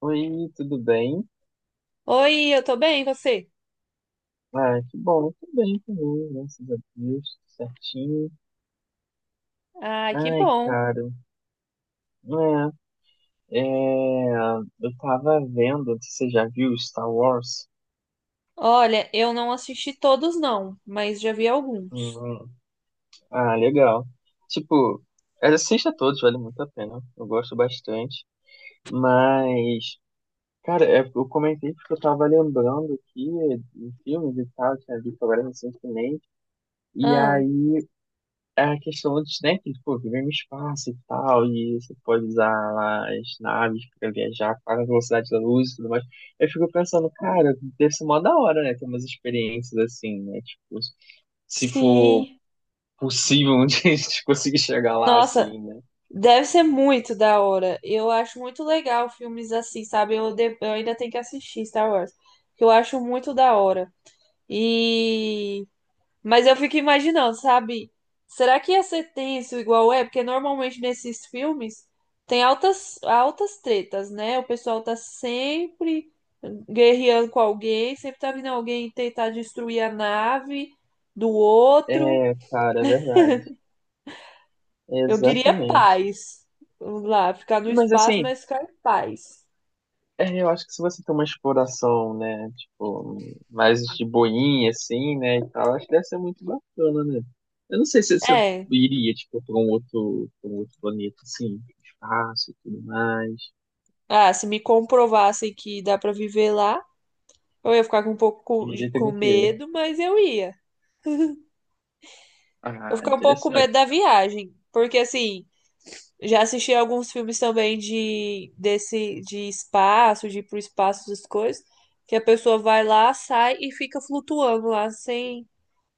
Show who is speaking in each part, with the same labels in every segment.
Speaker 1: Oi, tudo bem?
Speaker 2: Oi, eu tô bem, e você?
Speaker 1: Ah, que bom, tudo bem também, graças a Deus, tudo certinho.
Speaker 2: Ai, que
Speaker 1: Ai,
Speaker 2: bom.
Speaker 1: cara, é, é, eu tava vendo, se você já viu Star Wars?
Speaker 2: Olha, eu não assisti todos não, mas já vi alguns.
Speaker 1: Hum, ah, legal. Tipo, assista a todos, vale muito a pena, eu gosto bastante. Mas, cara, eu comentei porque eu tava lembrando aqui de filmes e tal, tinha visto agora recentemente. E
Speaker 2: Ah,
Speaker 1: aí a questão antes, né? Que, pô, viver no espaço e tal, e você pode usar as naves para viajar para a velocidade da luz e tudo mais. Eu fico pensando, cara, deve ser mó da hora, né? Ter umas experiências assim, né? Tipo, se for
Speaker 2: sim.
Speaker 1: possível de a gente conseguir chegar lá
Speaker 2: Nossa,
Speaker 1: assim, né?
Speaker 2: deve ser muito da hora. Eu acho muito legal filmes assim, sabe? Eu ainda tenho que assistir Star Wars, que eu acho muito da hora. E mas eu fico imaginando, sabe? Será que ia ser tenso igual é? Porque normalmente nesses filmes tem altas, altas tretas, né? O pessoal tá sempre guerreando com alguém, sempre tá vindo alguém tentar destruir a nave do outro.
Speaker 1: É, cara, é verdade.
Speaker 2: Eu diria
Speaker 1: Exatamente.
Speaker 2: paz. Vamos lá, ficar no
Speaker 1: Mas
Speaker 2: espaço,
Speaker 1: assim,
Speaker 2: mas ficar em paz.
Speaker 1: é, eu acho que se você tem uma exploração, né, tipo, mais de boinha, assim, né, e tal, acho que deve ser muito bacana, né? Eu não sei se você
Speaker 2: É.
Speaker 1: iria, tipo, pra um outro planeta, assim, espaço e tudo mais.
Speaker 2: Ah, se me comprovassem que dá pra viver lá, eu ia ficar com
Speaker 1: Iria ter
Speaker 2: com
Speaker 1: o quê?
Speaker 2: medo, mas eu ia. Eu
Speaker 1: Ah,
Speaker 2: fiquei um pouco com medo
Speaker 1: interessante.
Speaker 2: da viagem, porque assim, já assisti alguns filmes também de desse de espaço, de ir pro espaço das coisas, que a pessoa vai lá, sai e fica flutuando lá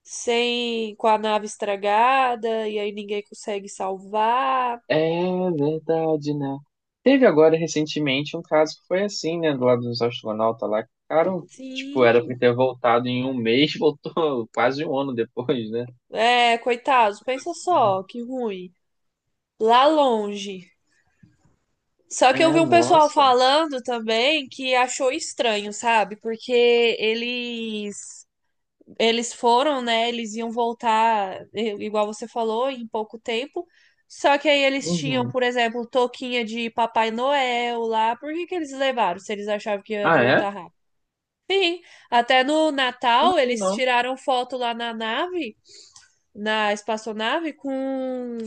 Speaker 2: sem com a nave estragada e aí ninguém consegue salvar.
Speaker 1: É verdade, né? Teve agora, recentemente, um caso que foi assim, né, do lado dos astronautas lá, que ficaram, tipo, era pra
Speaker 2: Sim.
Speaker 1: ter voltado em um mês, voltou quase um ano depois, né?
Speaker 2: É, coitados,
Speaker 1: Coisa
Speaker 2: pensa
Speaker 1: assim, né?
Speaker 2: só, que ruim. Lá longe. Só que eu
Speaker 1: É,
Speaker 2: vi um pessoal
Speaker 1: nossa.
Speaker 2: falando também que achou estranho, sabe? Porque eles eles foram, né? Eles iam voltar, igual você falou, em pouco tempo. Só que aí eles tinham,
Speaker 1: Uhum.
Speaker 2: por exemplo, touquinha de Papai Noel lá. Por que que eles levaram, se eles achavam que ia
Speaker 1: Ah, é?
Speaker 2: voltar rápido? Sim, até no
Speaker 1: Não,
Speaker 2: Natal eles
Speaker 1: não.
Speaker 2: tiraram foto lá na nave, na espaçonave, com.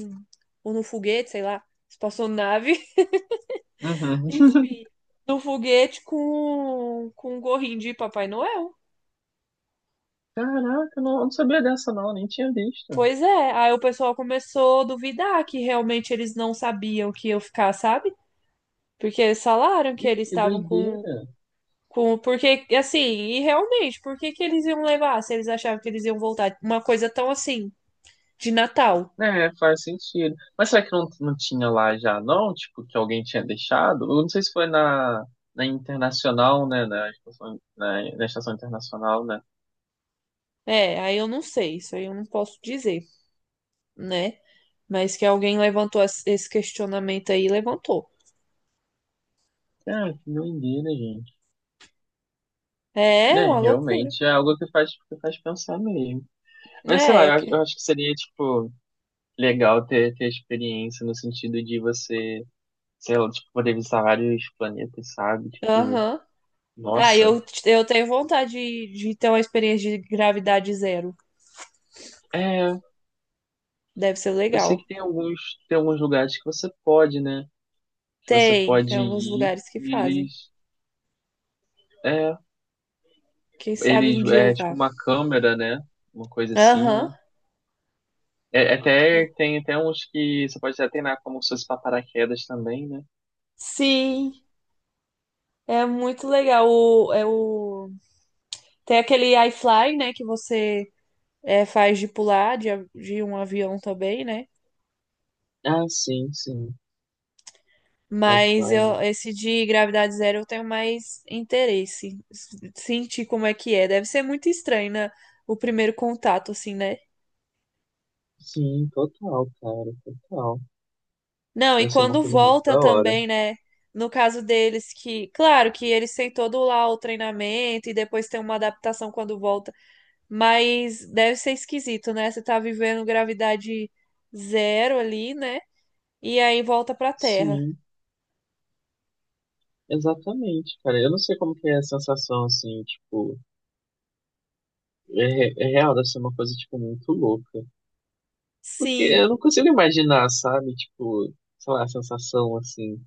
Speaker 2: Ou no foguete, sei lá. Espaçonave,
Speaker 1: Uhum.
Speaker 2: enfim, no foguete com um gorrinho de Papai Noel.
Speaker 1: Caraca, não, eu não sabia dessa não, nem tinha visto.
Speaker 2: Pois é, aí o pessoal começou a duvidar que realmente eles não sabiam que eu ficar, sabe? Porque eles falaram que
Speaker 1: Ih,
Speaker 2: eles
Speaker 1: que
Speaker 2: estavam com,
Speaker 1: doideira.
Speaker 2: com. Porque, assim, e realmente, por que que eles iam levar se eles achavam que eles iam voltar? Uma coisa tão assim, de Natal.
Speaker 1: É, faz sentido. Mas será que não tinha lá já não? Tipo, que alguém tinha deixado? Eu não sei se foi na, na Internacional, né? Na estação, na Estação Internacional, né?
Speaker 2: É, aí eu não sei, isso aí eu não posso dizer, né? Mas que alguém levantou esse questionamento aí, levantou.
Speaker 1: Cara, que doideira, gente.
Speaker 2: É
Speaker 1: Né,
Speaker 2: uma loucura.
Speaker 1: realmente é algo que que faz pensar mesmo. Mas sei lá,
Speaker 2: É, que-
Speaker 1: acho que seria, tipo, legal ter experiência no sentido de você sei lá, tipo, poder visitar vários planetas, sabe? Tipo,
Speaker 2: aham. Ah,
Speaker 1: nossa.
Speaker 2: eu tenho vontade de ter uma experiência de gravidade zero.
Speaker 1: É,
Speaker 2: Deve ser
Speaker 1: eu sei
Speaker 2: legal.
Speaker 1: que tem alguns lugares que você pode, né? Que você
Speaker 2: Tem, tem
Speaker 1: pode
Speaker 2: alguns
Speaker 1: ir
Speaker 2: lugares que fazem.
Speaker 1: é,
Speaker 2: Quem sabe um
Speaker 1: eles,
Speaker 2: dia eu
Speaker 1: é tipo
Speaker 2: vá.
Speaker 1: uma câmera, né? Uma coisa assim,
Speaker 2: Aham.
Speaker 1: né? É até tem até uns que você pode até treinar como se fosse pra paraquedas também, né?
Speaker 2: Sim, é muito legal. O, é o... Tem aquele iFly, né? Que você é, faz de pular de, de um avião também, né?
Speaker 1: Ah, sim, sim.
Speaker 2: Mas
Speaker 1: Wi-Fi, né?
Speaker 2: eu, esse de gravidade zero eu tenho mais interesse. Sentir como é que é. Deve ser muito estranho, né? O primeiro contato, assim, né?
Speaker 1: Sim, total, cara, total.
Speaker 2: Não, e
Speaker 1: Deve ser uma
Speaker 2: quando
Speaker 1: coisa muito
Speaker 2: volta
Speaker 1: da hora.
Speaker 2: também, né? No caso deles, que, claro que eles têm todo lá o treinamento e depois tem uma adaptação quando volta, mas deve ser esquisito, né? Você tá vivendo gravidade zero ali, né? E aí volta pra Terra.
Speaker 1: Sim. Exatamente, cara. Eu não sei como que é a sensação, assim, tipo, é real, deve ser uma coisa, tipo, muito louca. Porque
Speaker 2: Sim.
Speaker 1: eu não consigo imaginar, sabe? Tipo, sei lá, a sensação, assim.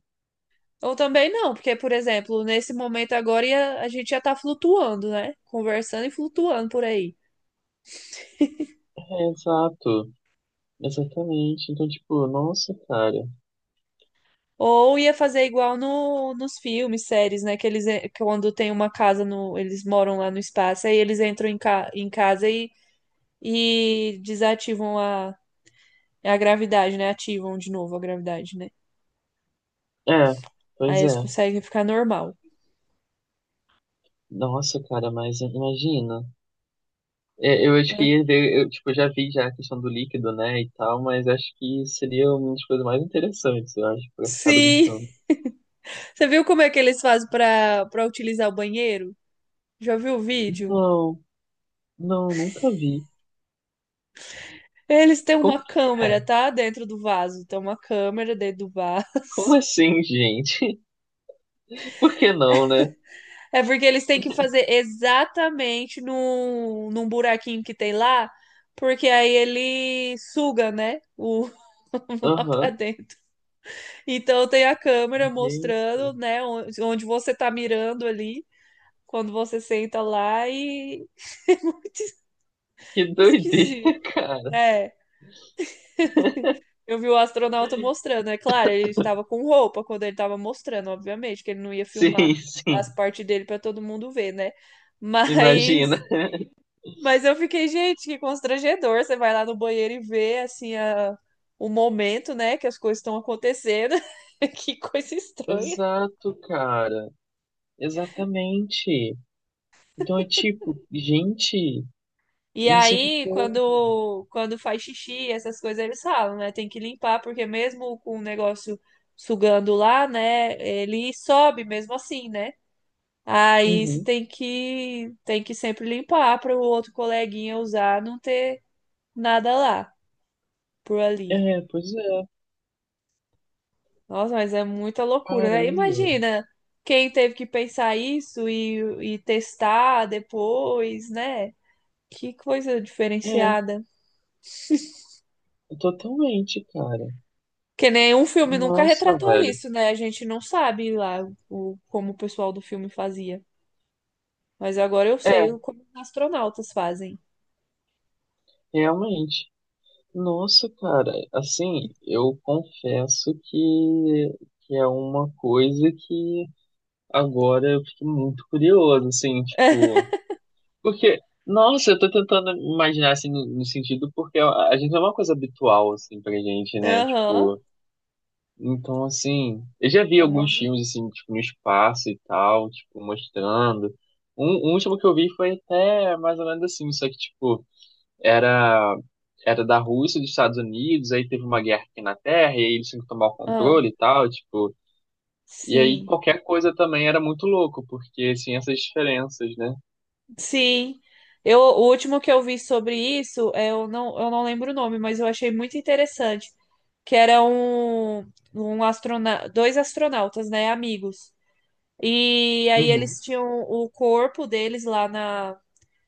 Speaker 2: Ou também não, porque, por exemplo, nesse momento agora a gente já tá flutuando, né? Conversando e flutuando por aí.
Speaker 1: É, exato, exatamente. Então, tipo, nossa, cara.
Speaker 2: Ou ia fazer igual no, nos filmes, séries, né? Que eles, quando tem uma casa no, eles moram lá no espaço, aí eles entram em, ca, em casa e desativam a gravidade, né? Ativam de novo a gravidade, né?
Speaker 1: É,
Speaker 2: Aí
Speaker 1: pois
Speaker 2: eles
Speaker 1: é.
Speaker 2: conseguem ficar normal.
Speaker 1: Nossa, cara, mas imagina. É, eu acho que
Speaker 2: Hum.
Speaker 1: ia ver, eu, tipo, já vi já a questão do líquido, né, e tal, mas acho que seria uma das coisas mais interessantes, eu acho, pra ficar
Speaker 2: Sim!
Speaker 1: brincando.
Speaker 2: Você viu como é que eles fazem para utilizar o banheiro? Já viu o vídeo?
Speaker 1: Não, não, nunca vi.
Speaker 2: Eles têm
Speaker 1: Como
Speaker 2: uma
Speaker 1: que é?
Speaker 2: câmera, tá? Dentro do vaso. Tem uma câmera dentro do vaso.
Speaker 1: Como assim, gente? Por que não, né?
Speaker 2: É porque eles têm que fazer exatamente num buraquinho que tem lá, porque aí ele suga, né? O, lá pra
Speaker 1: Aham.
Speaker 2: dentro. Então tem a câmera
Speaker 1: Gente,
Speaker 2: mostrando, né, onde você tá mirando ali, quando você senta lá, e é muito
Speaker 1: que doideira,
Speaker 2: esquisito.
Speaker 1: cara.
Speaker 2: É, eu vi o astronauta mostrando, é claro, ele estava com roupa quando ele estava mostrando, obviamente, que ele não ia filmar
Speaker 1: Sim,
Speaker 2: as
Speaker 1: sim.
Speaker 2: partes dele para todo mundo ver, né?
Speaker 1: Imagina.
Speaker 2: Mas Mas eu fiquei, gente, que constrangedor. Você vai lá no banheiro e vê, assim, o momento, né, que as coisas estão acontecendo. Que coisa estranha.
Speaker 1: Exato, cara. Exatamente. Então é tipo, gente,
Speaker 2: E aí,
Speaker 1: misericórdia.
Speaker 2: quando faz xixi, essas coisas eles falam, né? Tem que limpar, porque mesmo com o negócio sugando lá, né, ele sobe mesmo assim, né? Aí você
Speaker 1: Uhum.
Speaker 2: tem que sempre limpar para o outro coleguinha usar, não ter nada lá por ali.
Speaker 1: É, pois é.
Speaker 2: Nossa, mas é muita loucura, né?
Speaker 1: Caramba.
Speaker 2: Imagina quem teve que pensar isso e testar depois, né? Que coisa
Speaker 1: É,
Speaker 2: diferenciada.
Speaker 1: totalmente, cara.
Speaker 2: Que nenhum filme nunca
Speaker 1: Nossa,
Speaker 2: retratou
Speaker 1: velho.
Speaker 2: isso, né? A gente não sabe lá como o pessoal do filme fazia. Mas agora eu sei
Speaker 1: É,
Speaker 2: como os astronautas fazem.
Speaker 1: realmente. Nossa, cara, assim, eu confesso que é uma coisa que agora eu fiquei muito curioso, assim, tipo, porque, nossa, eu tô tentando imaginar, assim, no sentido, porque a gente é uma coisa habitual, assim, pra gente, né,
Speaker 2: Aham.
Speaker 1: tipo, então, assim, eu já vi
Speaker 2: É uma...
Speaker 1: alguns filmes, assim, tipo, no espaço e tal, tipo, mostrando, um último que eu vi foi até mais ou menos assim, só que, tipo, era era da Rússia dos Estados Unidos, aí teve uma guerra aqui na Terra, e aí eles tinham que tomar o
Speaker 2: Ah,
Speaker 1: controle e tal, tipo. E aí
Speaker 2: sim.
Speaker 1: qualquer coisa também era muito louco, porque assim, essas diferenças, né?
Speaker 2: Sim. Eu, o último que eu vi sobre isso, eu não lembro o nome, mas eu achei muito interessante, que era um, um astrona... dois astronautas, né, amigos. E aí
Speaker 1: Uhum,
Speaker 2: eles tinham o corpo deles lá na,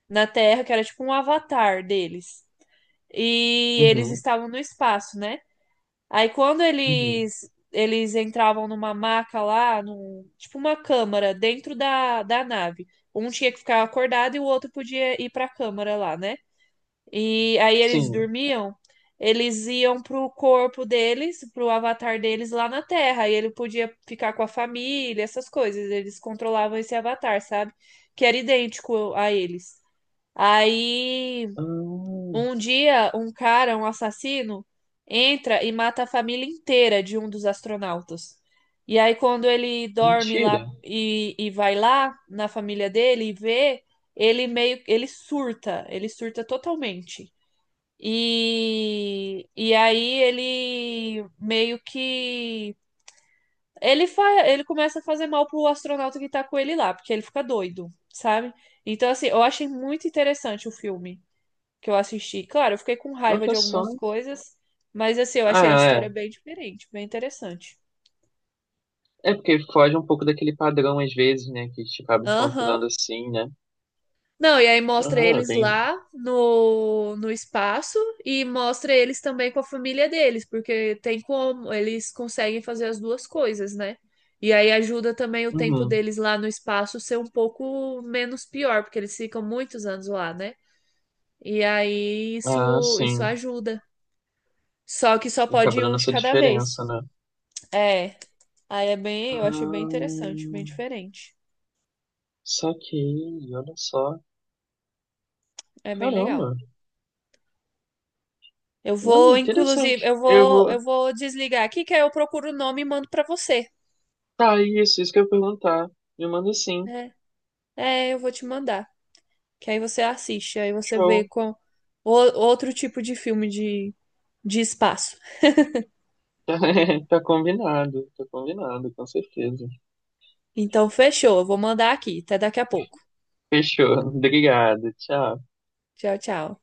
Speaker 2: na Terra, que era tipo um avatar deles. E eles
Speaker 1: uhum,
Speaker 2: estavam no espaço, né? Aí quando
Speaker 1: uhum.
Speaker 2: eles entravam numa maca lá, num, tipo uma câmara dentro da, da nave. Um tinha que ficar acordado e o outro podia ir pra câmara lá, né? E aí eles
Speaker 1: Sim.
Speaker 2: dormiam, eles iam pro corpo deles, pro avatar deles lá na Terra. E ele podia ficar com a família, essas coisas. Eles controlavam esse avatar, sabe? Que era idêntico a eles. Aí
Speaker 1: Hum,
Speaker 2: um dia, um cara, um assassino, entra e mata a família inteira de um dos astronautas. E aí, quando ele dorme
Speaker 1: mentira.
Speaker 2: lá e vai lá na família dele e vê, ele meio, ele surta totalmente. E aí ele meio que ele fa... ele começa a fazer mal pro astronauta que tá com ele lá, porque ele fica doido, sabe? Então, assim, eu achei muito interessante o filme que eu assisti. Claro, eu fiquei com raiva de
Speaker 1: Olha só.
Speaker 2: algumas coisas, mas assim, eu achei a
Speaker 1: Ah, é.
Speaker 2: história bem diferente, bem interessante.
Speaker 1: É porque foge um pouco daquele padrão, às vezes, né? Que a gente acaba
Speaker 2: Aham.
Speaker 1: encontrando assim, né?
Speaker 2: Não, e aí mostra
Speaker 1: Ah, é
Speaker 2: eles
Speaker 1: bem.
Speaker 2: lá no espaço e mostra eles também com a família deles, porque tem como, eles conseguem fazer as duas coisas, né? E aí ajuda também o tempo
Speaker 1: Uhum.
Speaker 2: deles lá no espaço ser um pouco menos pior, porque eles ficam muitos anos lá, né? E aí
Speaker 1: Ah,
Speaker 2: isso
Speaker 1: sim.
Speaker 2: ajuda. Só que só pode
Speaker 1: Acaba
Speaker 2: ir um
Speaker 1: dando
Speaker 2: de
Speaker 1: essa
Speaker 2: cada
Speaker 1: diferença,
Speaker 2: vez.
Speaker 1: né?
Speaker 2: É. Aí é bem,
Speaker 1: Ah,
Speaker 2: eu acho bem interessante, bem diferente.
Speaker 1: saquei, olha só.
Speaker 2: É bem legal.
Speaker 1: Caramba,
Speaker 2: Eu
Speaker 1: não,
Speaker 2: vou, inclusive,
Speaker 1: interessante. Eu vou.
Speaker 2: eu vou desligar aqui, que aí eu procuro o nome e mando pra você.
Speaker 1: Tá, isso que eu ia perguntar. Me manda sim.
Speaker 2: Né? É, eu vou te mandar. Que aí você assiste, aí você vê
Speaker 1: Show.
Speaker 2: com o- outro tipo de filme de espaço.
Speaker 1: Tá, tá combinado, com certeza.
Speaker 2: Então, fechou. Eu vou mandar aqui. Até daqui a pouco.
Speaker 1: Fechou. Obrigado, tchau.
Speaker 2: Tchau, tchau.